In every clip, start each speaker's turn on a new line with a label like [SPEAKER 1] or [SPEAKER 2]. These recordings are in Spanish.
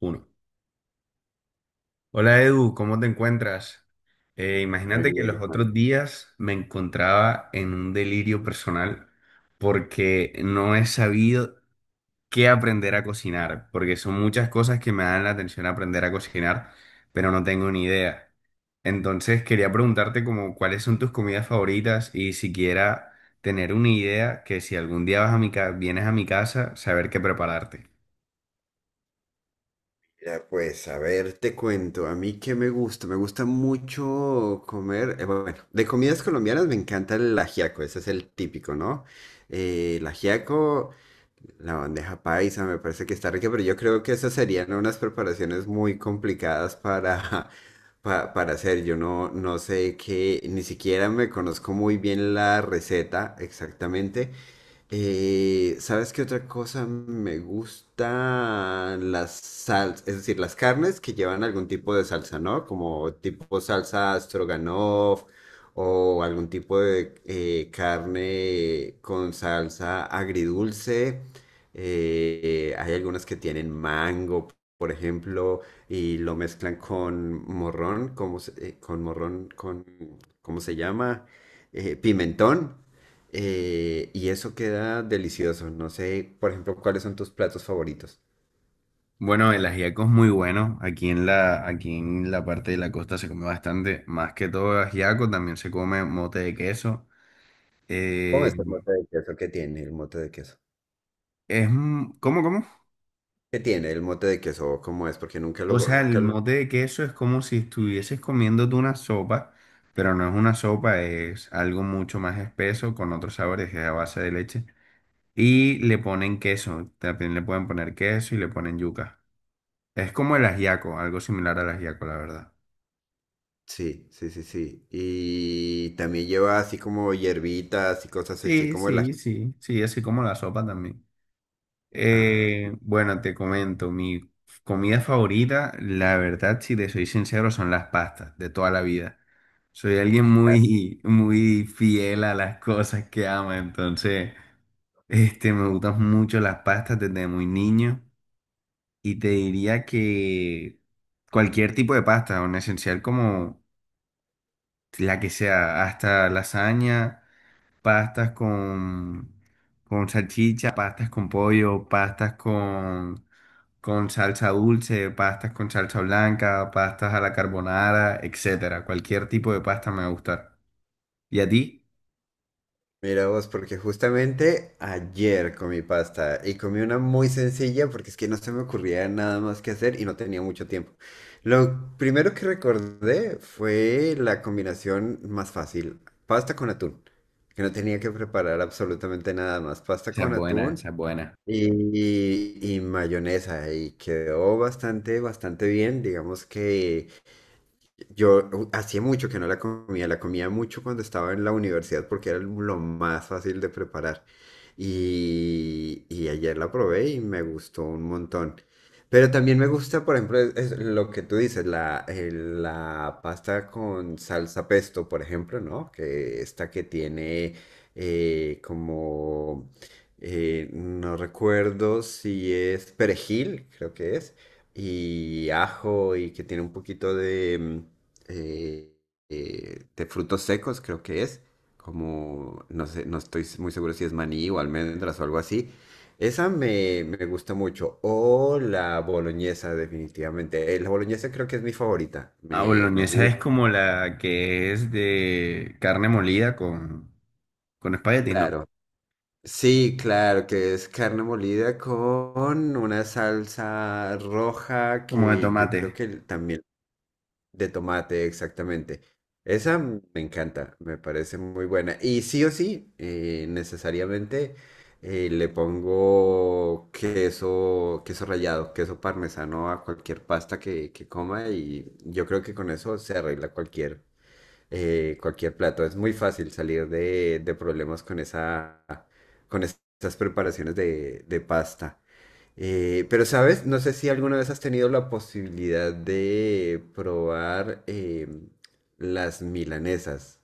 [SPEAKER 1] Uno. Hola Edu, ¿cómo te encuentras?
[SPEAKER 2] Muy
[SPEAKER 1] Imagínate que
[SPEAKER 2] bien,
[SPEAKER 1] los
[SPEAKER 2] Juan.
[SPEAKER 1] otros días me encontraba en un delirio personal porque no he sabido qué aprender a cocinar, porque son muchas cosas que me dan la atención aprender a cocinar, pero no tengo ni idea. Entonces quería preguntarte como cuáles son tus comidas favoritas y siquiera tener una idea que si algún día vas a vienes a mi casa, saber qué prepararte.
[SPEAKER 2] Mira, pues, a ver, te cuento, a mí qué me gusta mucho comer, bueno, de comidas colombianas me encanta el ajiaco, ese es el típico, ¿no? Eh, el ajiaco, la bandeja paisa, me parece que está rica, pero yo creo que esas serían unas preparaciones muy complicadas para, para hacer, yo no sé qué, ni siquiera me conozco muy bien la receta exactamente. ¿Sabes qué otra cosa me gusta? Las salsas, es decir, las carnes que llevan algún tipo de salsa, ¿no? Como tipo salsa stroganoff o algún tipo de carne con salsa agridulce. Hay algunas que tienen mango, por ejemplo, y lo mezclan con morrón, con morrón, ¿cómo se llama? Pimentón. Y eso queda delicioso. No sé, por ejemplo, cuáles son tus platos favoritos.
[SPEAKER 1] Bueno, el ajiaco es muy bueno. Aquí en la parte de la costa se come bastante. Más que todo ajiaco, también se come mote de queso.
[SPEAKER 2] ¿Cómo es
[SPEAKER 1] Eh,
[SPEAKER 2] el mote de queso?
[SPEAKER 1] es, ¿cómo, cómo?
[SPEAKER 2] ¿Qué tiene el mote de queso? ¿Cómo es? Porque nunca
[SPEAKER 1] O sea, el mote de queso es como si estuvieses comiéndote una sopa, pero no es una sopa, es algo mucho más espeso con otros sabores, es a base de leche. Y le ponen queso, también le pueden poner queso y le ponen yuca. Es como el ajiaco, algo similar al ajiaco, la verdad.
[SPEAKER 2] Sí, sí, sí, sí. Y también lleva así como hierbitas y cosas así
[SPEAKER 1] Sí,
[SPEAKER 2] como el
[SPEAKER 1] sí,
[SPEAKER 2] ají.
[SPEAKER 1] sí, sí, así como la sopa también.
[SPEAKER 2] Ah,
[SPEAKER 1] Bueno, te comento, mi comida favorita, la verdad, si te soy sincero, son las pastas de toda la vida. Soy alguien muy, muy fiel a las cosas que ama, entonces, este, me gustan mucho las pastas desde muy niño y te diría que cualquier tipo de pasta, un esencial como la que sea, hasta lasaña pastas con salchicha, pastas con pollo, pastas con salsa dulce, pastas con salsa blanca, pastas a la carbonara, etcétera. Cualquier tipo de pasta me va a gustar. ¿Y a ti?
[SPEAKER 2] mira vos, porque justamente ayer comí pasta y comí una muy sencilla porque es que no se me ocurría nada más que hacer y no tenía mucho tiempo. Lo primero que recordé fue la combinación más fácil, pasta con atún, que no tenía que preparar absolutamente nada más, pasta
[SPEAKER 1] Esa es
[SPEAKER 2] con
[SPEAKER 1] buena, esa
[SPEAKER 2] atún
[SPEAKER 1] es buena.
[SPEAKER 2] y, y mayonesa y quedó bastante, bastante bien, digamos que... Yo hacía mucho que no la comía, la comía mucho cuando estaba en la universidad porque era lo más fácil de preparar. Y ayer la probé y me gustó un montón. Pero también me gusta, por ejemplo, es lo que tú dices, la pasta con salsa pesto, por ejemplo, ¿no? Que esta que tiene eh, como, no recuerdo si es perejil, creo que es, y ajo y que tiene un poquito de... eh, de frutos secos, creo que es, como, no sé, no estoy muy seguro si es maní o almendras o algo así. Esa me gusta mucho. O la boloñesa, definitivamente. La boloñesa creo que es mi favorita.
[SPEAKER 1] Ah,
[SPEAKER 2] Me
[SPEAKER 1] boloñesa es
[SPEAKER 2] gusta,
[SPEAKER 1] como la que es de carne molida con espaguetis, ¿no?
[SPEAKER 2] claro. Sí, claro, que es carne molida con una salsa roja
[SPEAKER 1] Como de
[SPEAKER 2] que yo creo
[SPEAKER 1] tomate.
[SPEAKER 2] que también de tomate, exactamente. Esa me encanta, me parece muy buena. Y sí o sí, necesariamente le pongo queso, queso rallado, queso parmesano a cualquier pasta que coma y yo creo que con eso se arregla cualquier, cualquier plato. Es muy fácil salir de problemas con esa, con esas preparaciones de pasta. Pero, ¿sabes? No sé si alguna vez has tenido la posibilidad de probar las milanesas.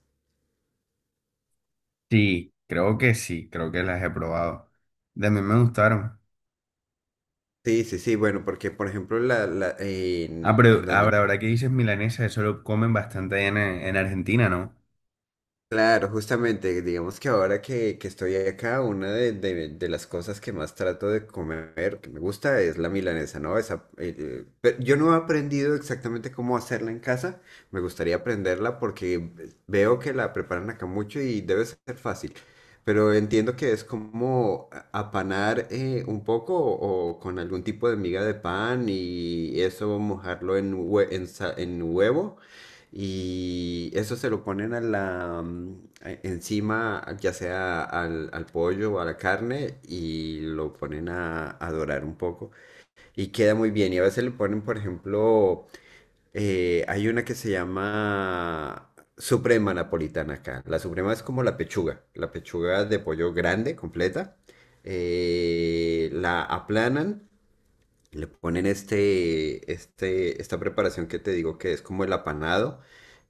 [SPEAKER 1] Sí, creo que las he probado. De mí me gustaron.
[SPEAKER 2] Sí, sí, sí, bueno, porque por ejemplo
[SPEAKER 1] Ah, pero
[SPEAKER 2] en donde
[SPEAKER 1] ahora, ahora que dices milanesa, eso lo comen bastante allá en Argentina, ¿no?
[SPEAKER 2] claro, justamente, digamos que ahora que estoy acá, una de las cosas que más trato de comer, que me gusta, es la milanesa, ¿no? Esa, yo no he aprendido exactamente cómo hacerla en casa, me gustaría aprenderla porque veo que la preparan acá mucho y debe ser fácil, pero entiendo que es como apanar un poco o con algún tipo de miga de pan y eso mojarlo en, en huevo y eso se lo ponen a la, encima, ya sea al, al pollo o a la carne, y lo ponen a dorar un poco. Y queda muy bien. Y a veces le ponen, por ejemplo, hay una que se llama suprema napolitana acá. La suprema es como la pechuga de pollo grande, completa. La aplanan, le ponen esta preparación que te digo que es como el apanado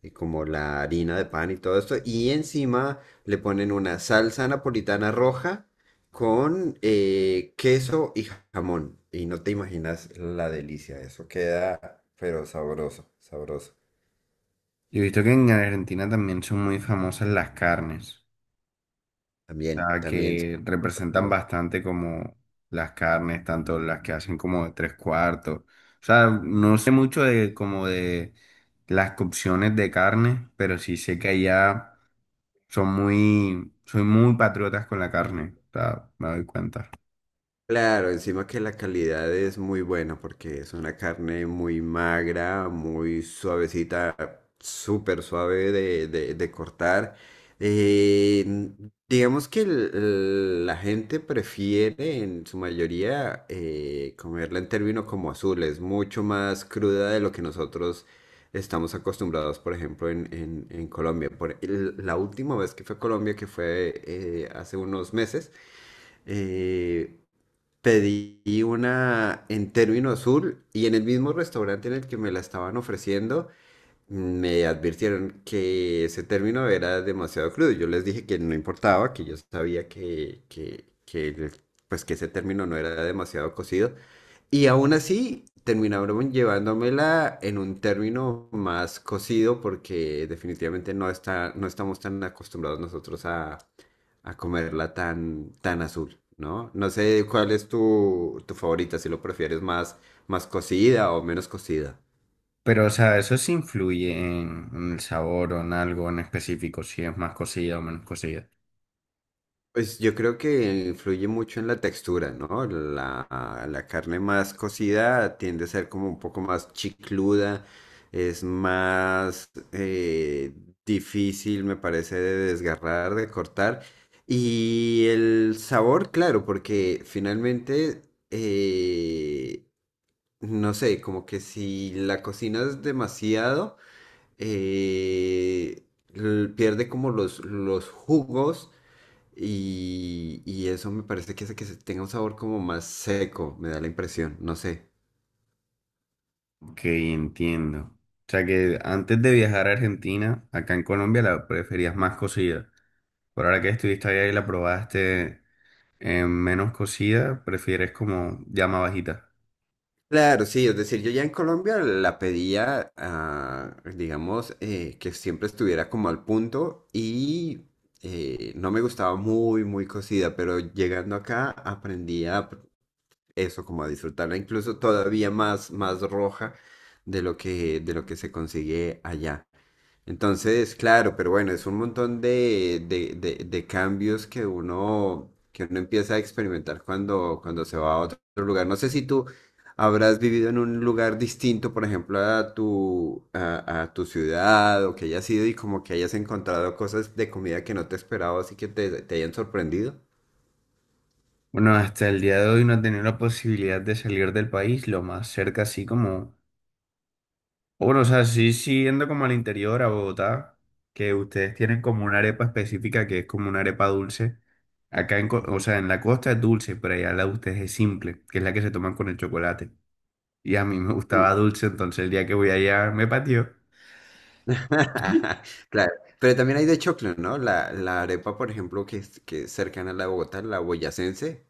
[SPEAKER 2] y como la harina de pan y todo esto. Y encima le ponen una salsa napolitana roja con queso y jamón. Y no te imaginas la delicia, eso queda, pero sabroso, sabroso.
[SPEAKER 1] Yo he visto que en Argentina también son muy famosas las carnes, o
[SPEAKER 2] También,
[SPEAKER 1] sea,
[SPEAKER 2] también.
[SPEAKER 1] que representan bastante como las carnes, tanto las que hacen como de tres cuartos. O sea, no sé mucho de como de las cocciones de carne, pero sí sé que allá son muy patriotas con la carne, o sea, me doy cuenta.
[SPEAKER 2] Claro, encima que la calidad es muy buena porque es una carne muy magra, muy suavecita, súper suave de, de cortar. Digamos que la gente prefiere en su mayoría comerla en términos como azul, es mucho más cruda de lo que nosotros estamos acostumbrados, por ejemplo, en, en Colombia. La última vez que fue a Colombia, que fue hace unos meses, eh, pedí una en Término Azul y en el mismo restaurante en el que me la estaban ofreciendo, me advirtieron que ese término era demasiado crudo. Yo les dije que no importaba, que yo sabía pues que ese término no era demasiado cocido. Y aún así terminaron llevándomela en un término más cocido porque definitivamente no está, no estamos tan acostumbrados nosotros a comerla tan, tan azul, ¿no? No sé cuál es tu, tu favorita, si lo prefieres más, más cocida o menos cocida.
[SPEAKER 1] Pero, o sea, eso sí influye en el sabor o en algo en específico, si es más cocida o menos cocida.
[SPEAKER 2] Pues yo creo que influye mucho en la textura, ¿no? La carne más cocida tiende a ser como un poco más chicluda, es más difícil, me parece, de desgarrar, de cortar. Y el sabor, claro, porque finalmente, eh, no sé, como que si la cocinas demasiado, eh, pierde como los jugos y eso me parece que hace que se tenga un sabor como más seco, me da la impresión, no sé.
[SPEAKER 1] Ok, entiendo. O sea que antes de viajar a Argentina, acá en Colombia la preferías más cocida. Por ahora que estuviste allá y la probaste menos cocida, prefieres como llama bajita.
[SPEAKER 2] Claro, sí, es decir, yo ya en Colombia la pedía, digamos, que siempre estuviera como al punto y no me gustaba muy, muy cocida, pero llegando acá eso, como a disfrutarla, incluso todavía más, más roja de lo que se consigue allá. Entonces, claro, pero bueno, es un montón de cambios que uno empieza a experimentar cuando, cuando se va a otro lugar. No sé si tú habrás vivido en un lugar distinto, por ejemplo, a tu, a tu ciudad, o que hayas ido y como que hayas encontrado cosas de comida que no te esperabas y que te hayan sorprendido.
[SPEAKER 1] Bueno, hasta el día de hoy no he tenido la posibilidad de salir del país. Lo más cerca, así como bueno, o sea, sí, sí, yendo como al interior, a Bogotá, que ustedes tienen como una arepa específica que es como una arepa dulce. Acá, o sea, en la costa es dulce, pero allá la de ustedes es simple, que es la que se toman con el chocolate. Y a mí me
[SPEAKER 2] Sí.
[SPEAKER 1] gustaba dulce, entonces el día que voy allá me pateó.
[SPEAKER 2] Claro, pero también hay de choclo, ¿no? La arepa, por ejemplo, que es cercana a la de Bogotá, la boyacense.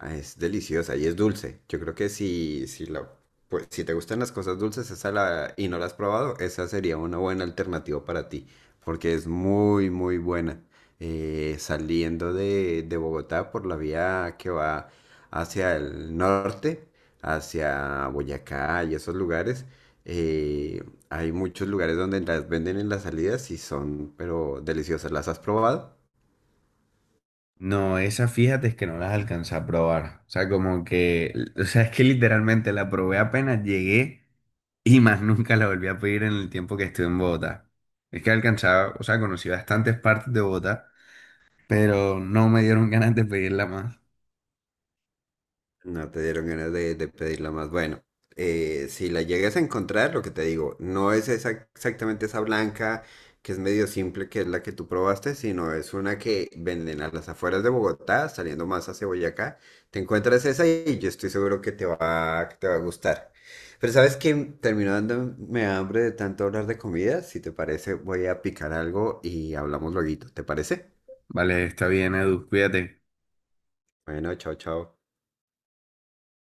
[SPEAKER 2] Ah, es deliciosa y es dulce. Yo creo que pues, si te gustan las cosas dulces esa y no la has probado, esa sería una buena alternativa para ti, porque es muy, muy buena. Saliendo de Bogotá por la vía que va hacia el norte, hacia Boyacá y esos lugares, eh, hay muchos lugares donde las venden en las salidas y son, pero deliciosas. ¿Las has probado?
[SPEAKER 1] No, esas fíjate es que no las alcancé a probar. O sea, como que, o sea, es que literalmente la probé apenas llegué y más nunca la volví a pedir en el tiempo que estuve en Bogotá. Es que alcanzaba, o sea, conocí bastantes partes de Bogotá pero no me dieron ganas de pedirla más.
[SPEAKER 2] No te dieron ganas de pedirla más. Bueno, si la llegas a encontrar, lo que te digo, no es esa- exactamente esa blanca que es medio simple, que es la que tú probaste, sino es una que venden a las afueras de Bogotá, saliendo más hacia Boyacá. Te encuentras esa y yo estoy seguro que te va a gustar. Pero sabes que terminó dándome hambre de tanto hablar de comida. Si te parece, voy a picar algo y hablamos luego. ¿Te parece?
[SPEAKER 1] Vale, está bien, Edu, cuídate.
[SPEAKER 2] Bueno, chao, chao.